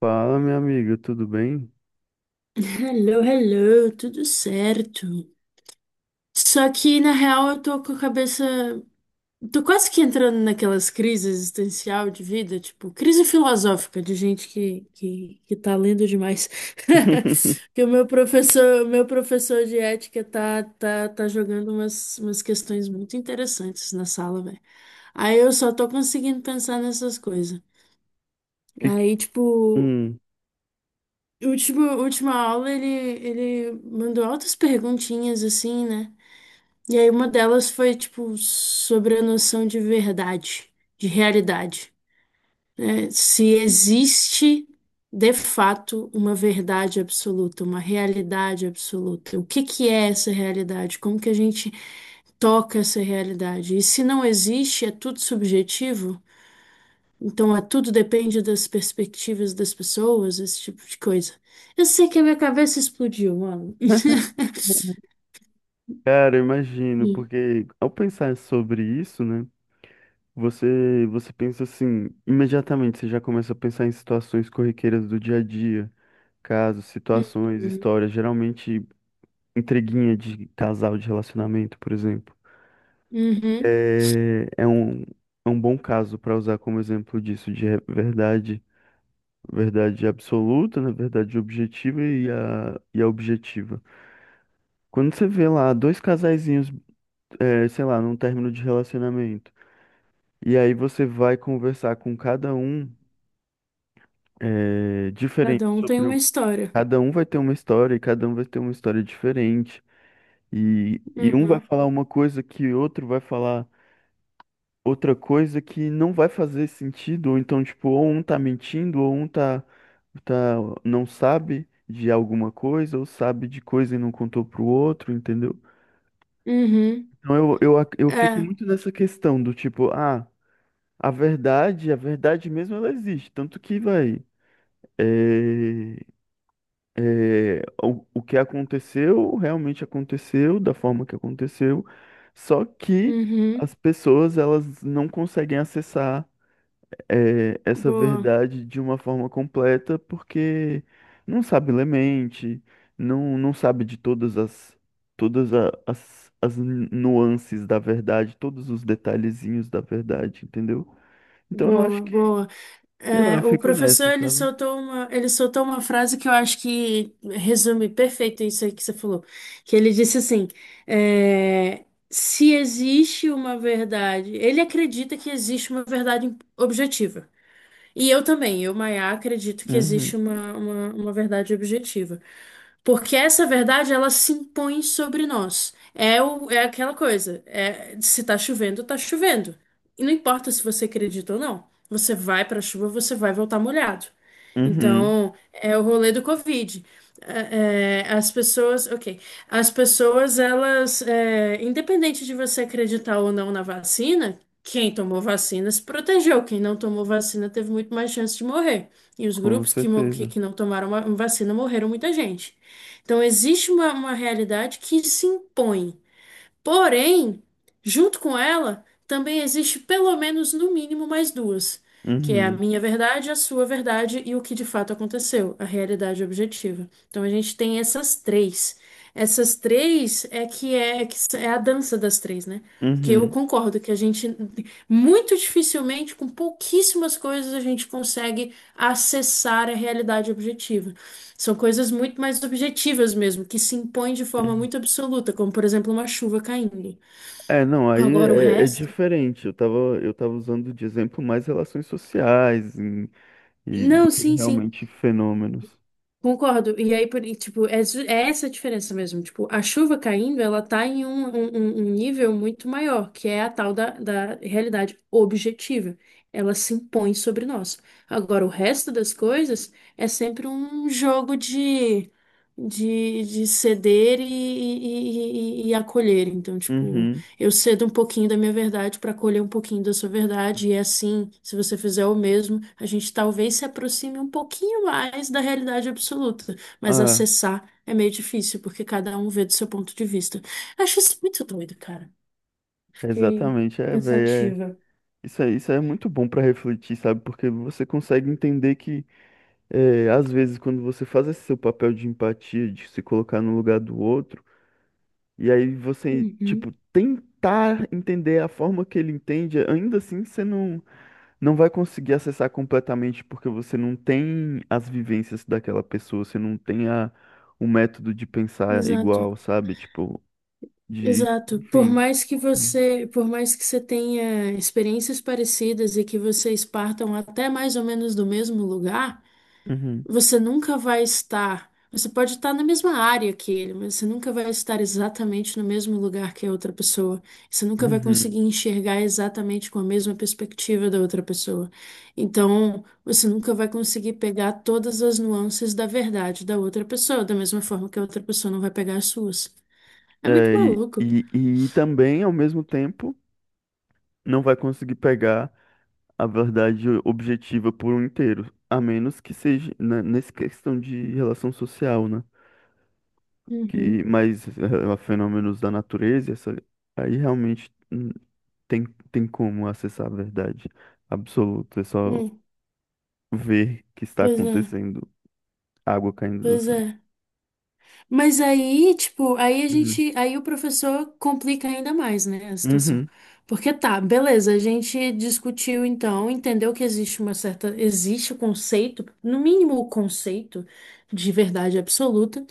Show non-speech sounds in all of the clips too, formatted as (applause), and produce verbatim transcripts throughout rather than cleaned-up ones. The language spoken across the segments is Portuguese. Fala, minha amiga, tudo bem? Hello, hello, tudo certo. Só que na real eu tô com a cabeça. Tô quase que entrando naquelas crises existencial de vida, tipo, crise filosófica de gente que, que, que tá lendo demais. (laughs) (laughs) Que o meu professor, o meu professor de ética tá, tá, tá jogando umas, umas questões muito interessantes na sala, velho. Aí eu só tô conseguindo pensar nessas coisas. Que, que- Aí, tipo. Hum, Último, última aula ele, ele mandou altas perguntinhas assim, né? E aí uma delas foi tipo sobre a noção de verdade, de realidade, né? Se existe de fato uma verdade absoluta, uma realidade absoluta. O que que é essa realidade? Como que a gente toca essa realidade? E se não existe, é tudo subjetivo? Então, é, tudo depende das perspectivas das pessoas, esse tipo de coisa. Eu sei que a minha cabeça explodiu, mano. (laughs) Cara, eu imagino, Hum, porque ao pensar sobre isso, né? Você, você pensa assim, imediatamente você já começa a pensar em situações corriqueiras do dia a dia, casos, hum, situações, hum, histórias, geralmente intriguinha de casal, de relacionamento, por exemplo. uhum. É, é um, é um bom caso para usar como exemplo disso, de re- verdade, verdade absoluta, né? Verdade objetiva e a, e a objetiva. Quando você vê lá dois casaizinhos, eh, sei lá, num término de relacionamento, e aí você vai conversar com cada um, eh, diferente Cada um tem sobre uma o... história. Cada um vai ter uma história e cada um vai ter uma história diferente. E, e um vai Uhum. falar uma coisa que outro vai falar outra coisa que não vai fazer sentido. Ou então, tipo, ou um tá mentindo, ou um tá, tá, não sabe de alguma coisa, ou sabe de coisa e não contou pro outro, entendeu? Uhum. Então eu, eu, ac- eu fico É. muito nessa questão do tipo, ah, a verdade, a verdade mesmo ela existe, tanto que vai. É, é, o, o que aconteceu realmente aconteceu da forma que aconteceu, só que as Uhum. pessoas elas não conseguem acessar eh, essa Boa, verdade de uma forma completa, porque não sabe ler mente, não, não sabe de todas as, todas a- as, as nuances da verdade, todos os detalhezinhos da verdade, entendeu? Então eu boa, acho que, boa. sei lá, eu É, o fico nessa, professor ele sabe? soltou uma, ele soltou uma frase que eu acho que resume perfeito isso aí que você falou, que ele disse assim, é, se existe uma verdade, ele acredita que existe uma verdade objetiva. E eu também, eu, Maiá, acredito que Uhum, existe uma, uma, uma verdade objetiva. Porque essa verdade, ela se impõe sobre nós. É, o, é aquela coisa. É, se tá chovendo, tá chovendo. E não importa se você acredita ou não. Você vai pra chuva, você vai voltar molhado. uhum, Então, é o rolê do Covid. É, é, as pessoas, ok. As pessoas, elas, é, independente de você acreditar ou não na vacina, quem tomou vacina se protegeu. Quem não tomou vacina teve muito mais chance de morrer. E os com grupos que, mo- que, certeza. que não tomaram ma- vacina morreram muita gente. Então, existe uma, uma realidade que se impõe. Porém, junto com ela, também existe pelo menos, no mínimo, mais duas, que é a Uhum, minha verdade, a sua verdade e o que de fato aconteceu, a realidade objetiva. Então, a gente tem essas três. Essas três é que é, que é a dança das três, né? Porque eu uhum, concordo que a gente, muito dificilmente, com pouquíssimas coisas, a gente consegue acessar a realidade objetiva. São coisas muito mais objetivas mesmo, que se impõem de forma uhum. muito absoluta, como por exemplo uma chuva caindo. É, não, aí Agora o é, é resto. diferente. Eu tava, eu tava usando de exemplo mais relações sociais em- e do Não, que sim, sim, realmente fenômenos. concordo. E aí, por- e, tipo, é, ju- é essa a diferença mesmo. Tipo, a chuva caindo, ela tá em um, um, um- um nível muito maior, que é a tal da, da realidade objetiva. Ela se impõe sobre nós. Agora, o resto das coisas é sempre um jogo de. De, de ceder e, e, e, e e acolher. Então, tipo, Uhum. eu cedo um pouquinho da minha verdade para colher um pouquinho da sua verdade, e é assim, se você fizer o mesmo, a gente talvez se aproxime um pouquinho mais da realidade absoluta, mas Ah, acessar é meio difícil, porque cada um vê do seu ponto de vista. Acho isso muito doido, cara. Fiquei exatamente. É, velho. pensativa. Isso é, isso é muito bom pra refletir, sabe? Porque você consegue entender que, é, às vezes, quando você faz esse seu papel de empatia, de se colocar no lugar do outro, e aí você, tipo, Uhum. tentar entender a forma que ele entende, ainda assim você não, não vai conseguir acessar completamente, porque você não tem as vivências daquela pessoa, você não tem a, o método de pensar Exato, igual, sabe? Tipo, de. exato. Por Enfim. mais que você, por mais que você tenha experiências parecidas e que vocês partam até mais ou menos do mesmo lugar, Uhum. você nunca vai estar. Você pode estar na mesma área que ele, mas você nunca vai estar exatamente no mesmo lugar que a outra pessoa. Você nunca vai conseguir Uhum. enxergar exatamente com a mesma perspectiva da outra pessoa. Então, você nunca vai conseguir pegar todas as nuances da verdade da outra pessoa, da mesma forma que a outra pessoa não vai pegar as suas. É muito É, e, maluco. e, e também, ao mesmo tempo, não vai conseguir pegar a verdade objetiva por um inteiro, a menos que seja né, nessa questão de relação social, né? Que, Uhum. mas eh, fenômenos da natureza, essa, aí realmente hum, tem, tem como acessar a verdade absoluta, é só Hum, ver que está pois é, acontecendo, água caindo do pois céu. é. Mas aí, tipo, aí a Uhum, gente, aí o professor complica ainda mais, né, a situação. uhum, Porque tá, beleza, a gente discutiu então, entendeu que existe uma certa, existe o conceito, no mínimo o conceito de verdade absoluta,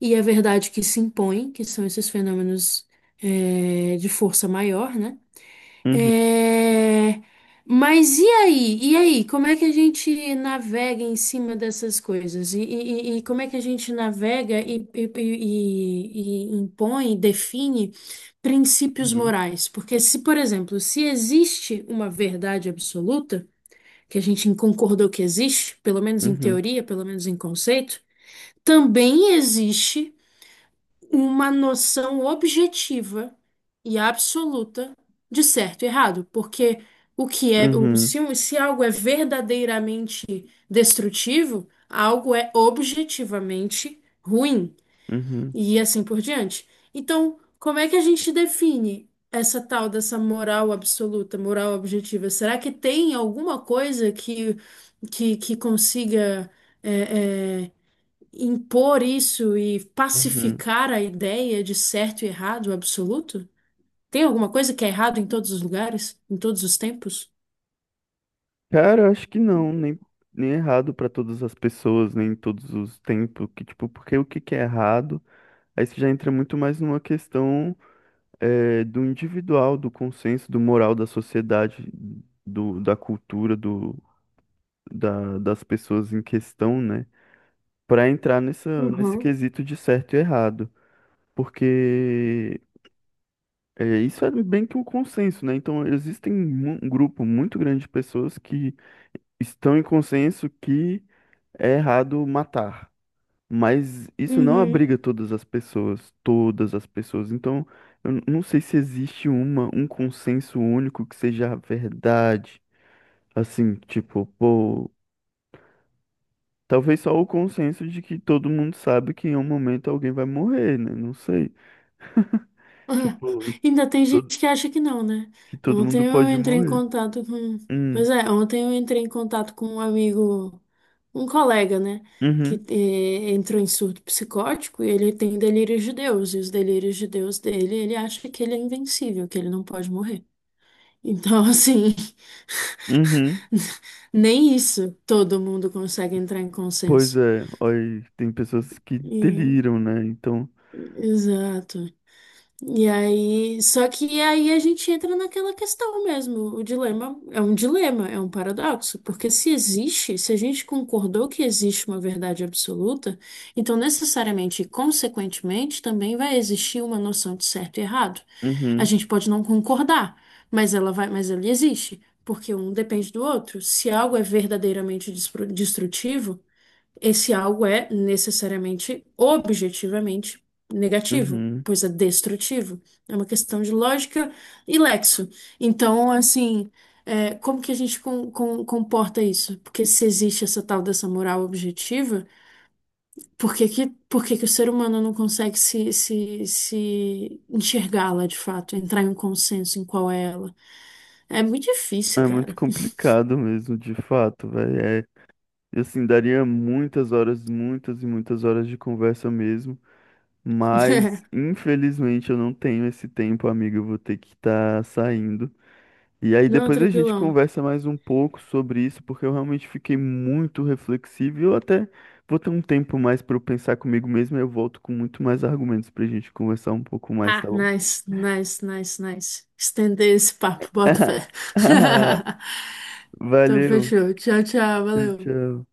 e a verdade que se impõe, que são esses fenômenos eh, de força maior, né? uhum, É, mas e aí? E aí? Como é que a gente navega em cima dessas coisas? E, e- e- e como é que a gente navega e, e, e- e impõe, define princípios uhum, morais? Porque se, por exemplo, se existe uma verdade absoluta, que a gente concordou que existe, pelo menos em uhum, teoria, pelo menos em conceito, também existe uma noção objetiva e absoluta de certo e errado, porque o que é, o- uhum, se, um- se algo é verdadeiramente destrutivo, algo é objetivamente ruim uhum, e assim por diante. Então, como é que a gente define essa tal dessa moral absoluta, moral objetiva? Será que tem alguma coisa que que, que consiga é, é, impor isso e uhum. pacificar a ideia de certo e errado absoluto? Tem alguma coisa que é errado em todos os lugares, em todos os tempos? Cara, eu acho que não, nem, nem é errado pra todas as pessoas, nem em todos os tempos, que tipo, porque o que que é errado, aí você já entra muito mais numa questão eh, do individual, do consenso, do moral da sociedade, do, da cultura, do, da, das pessoas em questão, né? Pra entrar nessa, nesse Uhum. quesito de certo e errado, porque eh, isso é bem que um consenso, né? Então, existem mu- um grupo muito grande de pessoas que estão em consenso que é errado matar, mas isso não Uhum. abriga (laughs) todas as pessoas, todas as pessoas. Então, eu n- não sei se existe uma, um consenso único que seja a verdade. Assim, tipo, pô, talvez só o consenso de que todo mundo sabe que em um momento alguém vai morrer, né? Não sei. (laughs) Ah, Tipo, ainda tem to- gente que acha que não, né? que todo mundo Ontem eu pode entrei em morrer. contato com. Hum, Pois é, ontem eu entrei em contato com um amigo, um colega, né? Que uhum, eh, entrou em surto psicótico e ele tem delírios de Deus. E os delírios de Deus dele, ele acha que ele é invencível, que ele não pode morrer. Então, assim. uhum. (laughs) Nem isso todo mundo consegue entrar em Pois consenso. é, olha, tem pessoas que E- deliram, né? Então, exato. E aí, só que aí a gente entra naquela questão mesmo. O dilema é um dilema, é um paradoxo, porque se existe, se a gente concordou que existe uma verdade absoluta, então necessariamente e consequentemente também vai existir uma noção de certo e errado. A uhum, gente pode não concordar, mas ela vai, mas ela existe, porque um depende do outro. Se algo é verdadeiramente destru- destrutivo, esse algo é necessariamente, objetivamente, negativo, uhum. pois é destrutivo. É uma questão de lógica e lexo. Então, assim, é, como que a gente com- com- comporta isso? Porque se existe essa tal dessa moral objetiva, por que que, por que que o ser humano não consegue se, se, se enxergá-la de fato, entrar em um consenso em qual é ela? É muito difícil, É muito cara. complicado mesmo, de fato, velho. É, e assim, daria muitas horas, muitas e muitas horas de conversa mesmo. Mas, (laughs) infelizmente, eu não tenho esse tempo, amigo. Eu vou ter que estar saindo. E aí, Não, depois a gente tranquilão. conversa mais um pouco sobre isso, porque eu realmente fiquei muito reflexivo. E eu até vou ter um tempo mais para eu pensar comigo mesmo. E eu volto com muito mais argumentos pra gente conversar um pouco mais, Ah, tá bom? nice, nice, nice, nice. Estender esse papo, boto (laughs) fé. (laughs) Então, Valeu. fechou. Tchau, tchau, Tchau, valeu. tchau.